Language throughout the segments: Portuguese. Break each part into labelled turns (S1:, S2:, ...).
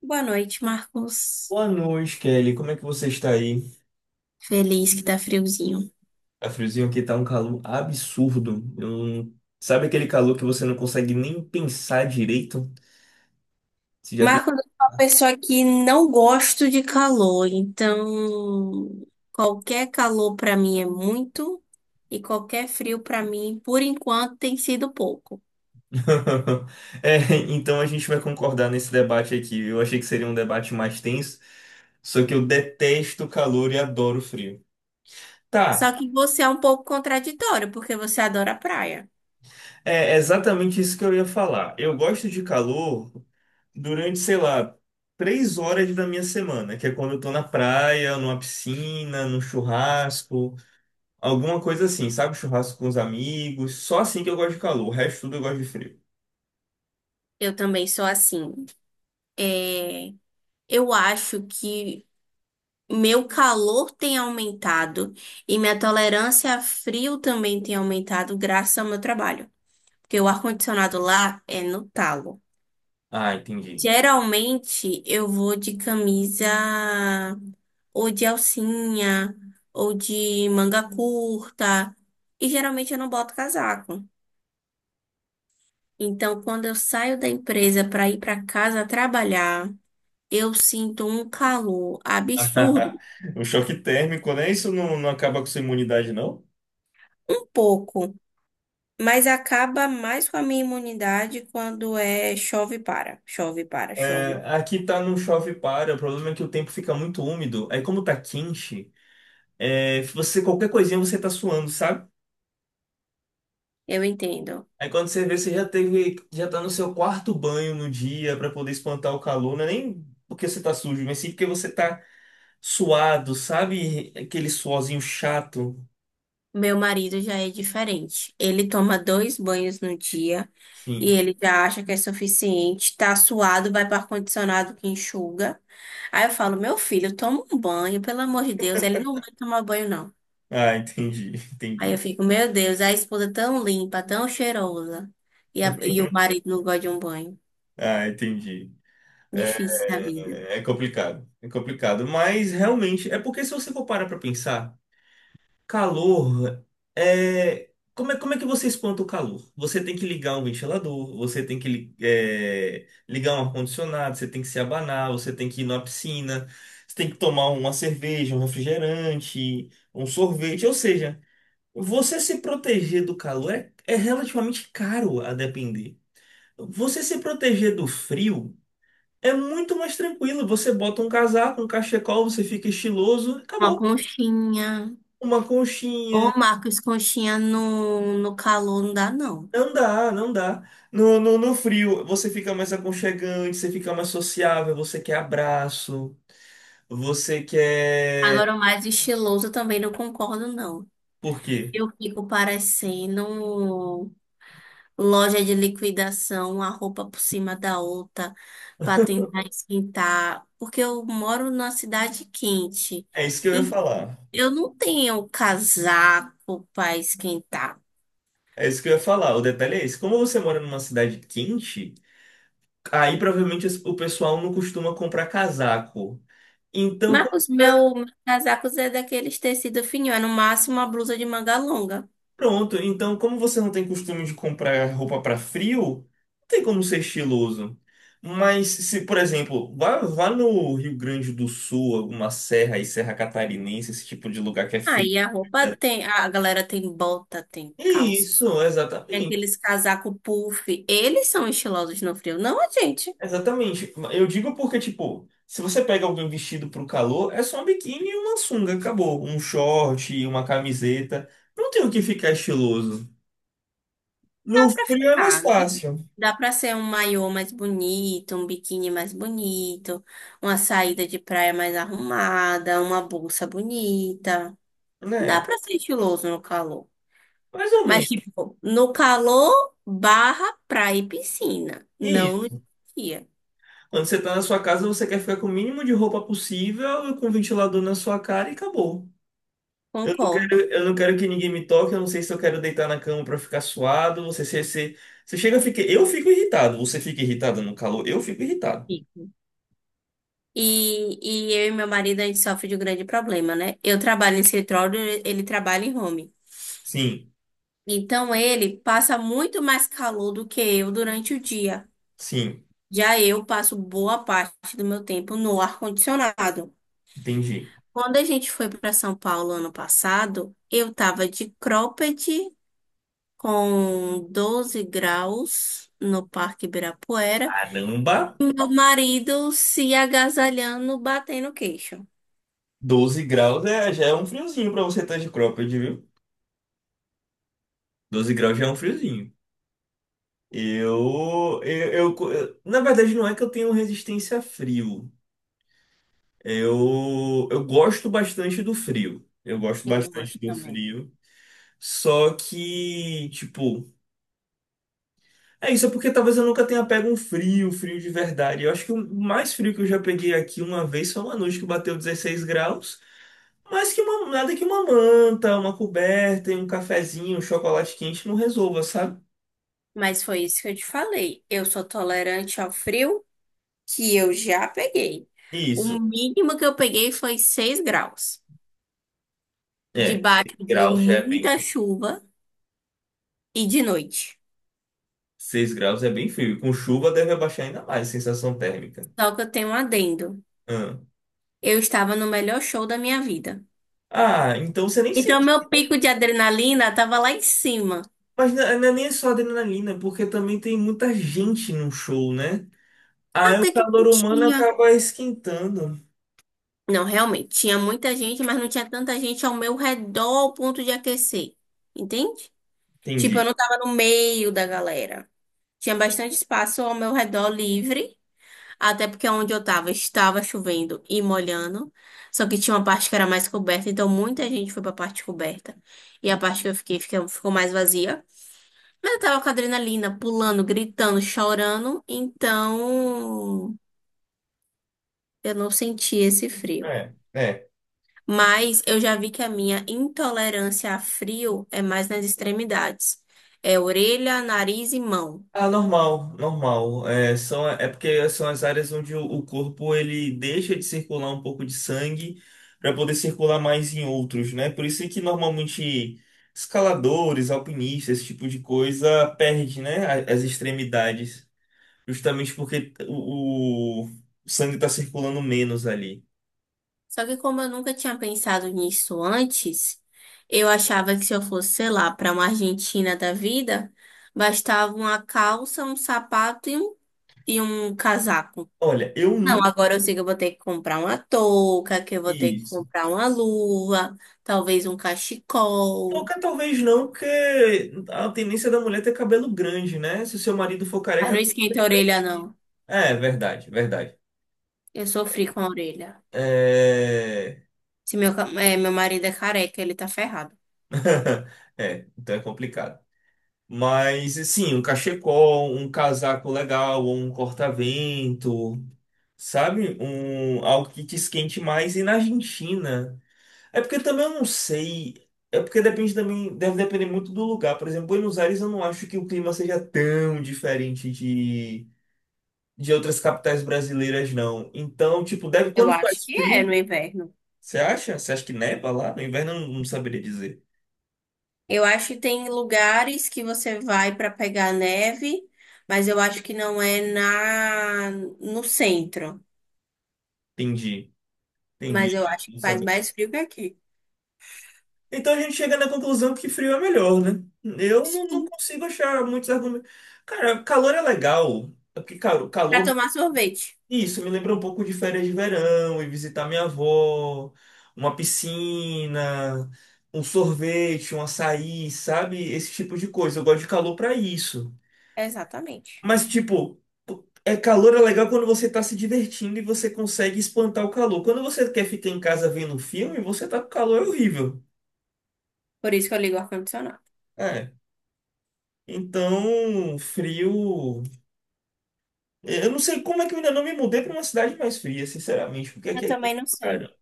S1: Boa noite, Marcos.
S2: Boa noite, Kelly. Como é que você está aí?
S1: Feliz que tá friozinho.
S2: Tá friozinho aqui, tá um calor absurdo. Eu não- Sabe aquele calor que você não consegue nem pensar direito? Você já fica.
S1: Marcos, eu sou uma pessoa que não gosto de calor, então qualquer calor pra mim é muito e qualquer frio pra mim, por enquanto, tem sido pouco.
S2: É, então a gente vai concordar nesse debate aqui. Eu achei que seria um debate mais tenso, só que eu detesto o calor e adoro o frio.
S1: Só
S2: Tá,
S1: que você é um pouco contraditório, porque você adora praia.
S2: é exatamente isso que eu ia falar. Eu gosto de calor durante, sei lá, 3 horas da minha semana, que é quando eu tô na praia, numa piscina, num churrasco. Alguma coisa assim, sabe? Churrasco com os amigos. Só assim que eu gosto de calor. O resto tudo eu gosto de frio.
S1: Eu também sou assim. É, eu acho que meu calor tem aumentado e minha tolerância a frio também tem aumentado graças ao meu trabalho. Porque o ar-condicionado lá é no talo.
S2: Ah, entendi.
S1: Geralmente eu vou de camisa ou de alcinha ou de manga curta. E geralmente eu não boto casaco. Então, quando eu saio da empresa para ir para casa trabalhar, eu sinto um calor absurdo,
S2: Um choque térmico, né? Isso não, não acaba com sua imunidade, não?
S1: um pouco, mas acaba mais com a minha imunidade quando é chove e para, chove e para, chove.
S2: É, aqui tá não chove para. O problema é que o tempo fica muito úmido. Aí como tá quente, você qualquer coisinha você tá suando, sabe?
S1: Eu entendo.
S2: Aí quando você vê, você já teve, já tá no seu quarto banho no dia pra poder espantar o calor. Não é nem porque você tá sujo, mas sim porque você tá suado, sabe? Aquele suorzinho chato.
S1: Meu marido já é diferente. Ele toma dois banhos no dia e
S2: Sim.
S1: ele já acha que é suficiente. Tá suado, vai para ar-condicionado que enxuga. Aí eu falo, meu filho, toma um banho, pelo amor de Deus. Ele não vai tomar banho, não.
S2: Ah, entendi,
S1: Aí eu
S2: entendi.
S1: fico, meu Deus, a esposa tão limpa, tão cheirosa. E, e o marido não gosta de um banho.
S2: Ah, entendi.
S1: Difícil a vida.
S2: É, é complicado, é complicado. Mas realmente, é porque se você for parar pra pensar, calor é. Como é, como é que você espanta o calor? Você tem que ligar um ventilador, você tem que ligar um ar-condicionado, você tem que se abanar, você tem que ir na piscina, você tem que tomar uma cerveja, um refrigerante, um sorvete. Ou seja, você se proteger do calor é relativamente caro a depender. Você se proteger do frio é muito mais tranquilo. Você bota um casaco, um cachecol, você fica estiloso,
S1: Uma
S2: acabou.
S1: conchinha.
S2: Uma
S1: Ô,
S2: conchinha.
S1: Marcos, conchinha no calor não dá, não.
S2: Não dá, não dá. No frio, você fica mais aconchegante, você fica mais sociável, você quer abraço, você quer.
S1: Agora, o mais estiloso eu também não concordo, não.
S2: Por quê?
S1: Eu fico parecendo loja de liquidação, uma roupa por cima da outra, para tentar esquentar, porque eu moro numa cidade quente
S2: É isso que eu ia
S1: e
S2: falar.
S1: eu não tenho casaco para esquentar.
S2: É isso que eu ia falar. O detalhe é esse. Como você mora numa cidade quente, aí provavelmente o pessoal não costuma comprar casaco. Então,
S1: Mas os meus casacos é daqueles tecido fininho, é no máximo uma blusa de manga longa.
S2: pronto, então como você não tem costume de comprar roupa para frio, não tem como ser estiloso. Mas se, por exemplo, vá, vá no Rio Grande do Sul, alguma serra e Serra Catarinense, esse tipo de lugar que é frio.
S1: Aí a roupa tem, a galera tem bota, tem calça,
S2: Isso,
S1: tem
S2: exatamente.
S1: aqueles casaco puff. Eles são estilosos no frio, não a gente.
S2: Exatamente. Eu digo porque, tipo, se você pega alguém vestido pro calor, é só um biquíni e uma sunga, acabou. Um short, uma camiseta. Não tem o que ficar estiloso.
S1: Dá
S2: No
S1: pra
S2: frio é mais
S1: ficar, né?
S2: fácil,
S1: Dá pra ser um maiô mais bonito, um biquíni mais bonito, uma saída de praia mais arrumada, uma bolsa bonita. Dá
S2: né?
S1: pra ser estiloso no calor.
S2: Mais ou
S1: Mas,
S2: menos.
S1: tipo, no calor barra praia e piscina, não no dia.
S2: Quando você tá na sua casa, você quer ficar com o mínimo de roupa possível, com o ventilador na sua cara e acabou.
S1: Concordo.
S2: Eu não quero que ninguém me toque, eu não sei se eu quero deitar na cama pra ficar suado. Você chega a ficar. Eu fico irritado. Você fica irritado no calor? Eu fico irritado.
S1: Fico. E eu e meu marido, a gente sofre de um grande problema, né? Eu trabalho em escritório, ele trabalha em home.
S2: Sim,
S1: Então, ele passa muito mais calor do que eu durante o dia.
S2: sim,
S1: Já eu passo boa parte do meu tempo no ar-condicionado.
S2: entendi.
S1: Quando a gente foi para São Paulo ano passado, eu tava de cropped com 12 graus no Parque Ibirapuera.
S2: Caramba,
S1: Meu marido se agasalhando, batendo queixo.
S2: 12 graus já é um friozinho pra você estar de cropped, viu? 12 graus já é um friozinho. Na verdade, não é que eu tenho resistência a frio. Eu gosto bastante do frio. Eu gosto
S1: Eu
S2: bastante
S1: gosto
S2: do
S1: também.
S2: frio. Só que, tipo, é isso, é porque talvez eu nunca tenha pego um frio, frio de verdade. Eu acho que o mais frio que eu já peguei aqui uma vez foi uma noite que bateu 16 graus. Mas que nada que uma manta, uma coberta e um cafezinho, um chocolate quente não resolva, sabe?
S1: Mas foi isso que eu te falei. Eu sou tolerante ao frio que eu já peguei. O
S2: Isso.
S1: mínimo que eu peguei foi 6 graus,
S2: É, Seis
S1: debaixo de
S2: graus já é bem
S1: muita
S2: frio.
S1: chuva e de noite.
S2: 6 graus é bem frio. Com chuva deve abaixar ainda mais a sensação térmica.
S1: Só que eu tenho um adendo.
S2: Ah,
S1: Eu estava no melhor show da minha vida.
S2: Ah, então você nem
S1: Então,
S2: sente.
S1: meu pico de adrenalina estava lá em cima.
S2: Mas não é nem só adrenalina, porque também tem muita gente no show, né? Aí o
S1: Até que
S2: calor
S1: não
S2: humano
S1: tinha.
S2: acaba esquentando.
S1: Não, realmente, tinha muita gente, mas não tinha tanta gente ao meu redor ao ponto de aquecer. Entende? Tipo, eu
S2: Entendi.
S1: não tava no meio da galera. Tinha bastante espaço ao meu redor livre. Até porque onde eu tava estava chovendo e molhando. Só que tinha uma parte que era mais coberta, então muita gente foi para a parte coberta. E a parte que eu fiquei ficou mais vazia. Mas eu tava com adrenalina, pulando, gritando, chorando, então eu não senti esse frio.
S2: É, é.
S1: Mas eu já vi que a minha intolerância a frio é mais nas extremidades. É orelha, nariz e mão.
S2: Ah, normal, normal. É porque são as áreas onde o corpo ele deixa de circular um pouco de sangue para poder circular mais em outros, né? Por isso é que normalmente escaladores, alpinistas, esse tipo de coisa perde, né? As extremidades, justamente porque o sangue está circulando menos ali.
S1: Só que como eu nunca tinha pensado nisso antes, eu achava que se eu fosse, sei lá, para uma Argentina da vida, bastava uma calça, um sapato e e um casaco.
S2: Olha, eu
S1: Não,
S2: nunca
S1: agora eu sei que eu vou ter que comprar uma touca, que eu vou ter
S2: vi
S1: que
S2: isso.
S1: comprar uma luva, talvez um cachecol.
S2: Touca talvez não, porque a tendência da mulher é ter cabelo grande, né? Se o seu marido for
S1: Mas não
S2: careca.
S1: esquenta a orelha, não.
S2: É, verdade, verdade.
S1: Eu sofri com a orelha.
S2: É.
S1: Se meu marido é careca, ele tá ferrado.
S2: É, então é complicado. Mas, assim, um cachecol, um casaco legal, ou um corta-vento, sabe? Um, algo que te esquente mais. E na Argentina. É porque também eu não sei. É porque depende também, deve depender muito do lugar. Por exemplo, Buenos Aires eu não acho que o clima seja tão diferente de outras capitais brasileiras, não. Então, tipo, deve
S1: Eu
S2: quando
S1: acho
S2: faz
S1: que é no
S2: frio,
S1: inverno.
S2: você acha? Você acha que neva lá? No inverno eu não, não saberia dizer.
S1: Eu acho que tem lugares que você vai para pegar neve, mas eu acho que não é na no centro.
S2: Entendi, entendi.
S1: Mas eu acho
S2: Não
S1: que faz
S2: sabia.
S1: mais frio que aqui.
S2: Então a gente chega na conclusão que frio é melhor, né? Eu não, não
S1: Sim.
S2: consigo achar muitos argumentos. Cara, calor é legal. É. Porque, cara, o
S1: Para
S2: calor,
S1: tomar sorvete.
S2: isso me lembra um pouco de férias de verão, e visitar minha avó, uma piscina, um sorvete, um açaí, sabe? Esse tipo de coisa. Eu gosto de calor pra isso.
S1: Exatamente.
S2: Mas, tipo, é calor é legal quando você tá se divertindo e você consegue espantar o calor. Quando você quer ficar em casa vendo um filme, você tá com calor é horrível.
S1: Por isso que eu ligo o ar-condicionado.
S2: É. Então, frio. Eu não sei como é que eu ainda não me mudei pra uma cidade mais fria, sinceramente, porque
S1: Eu
S2: aqui é
S1: também
S2: quente
S1: não
S2: pra
S1: sei.
S2: caramba.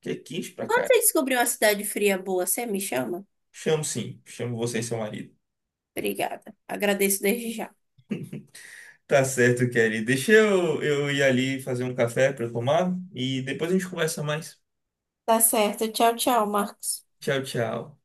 S2: Aqui é quente pra
S1: Quando
S2: caramba.
S1: você descobrir uma cidade fria boa, você me chama?
S2: Chamo sim, chamo você e seu marido.
S1: Obrigada. Agradeço desde já.
S2: Tá certo, Kelly. Deixa eu ir ali fazer um café para tomar e depois a gente conversa mais.
S1: Tá certo. Tchau, tchau, Marcos.
S2: Tchau, tchau.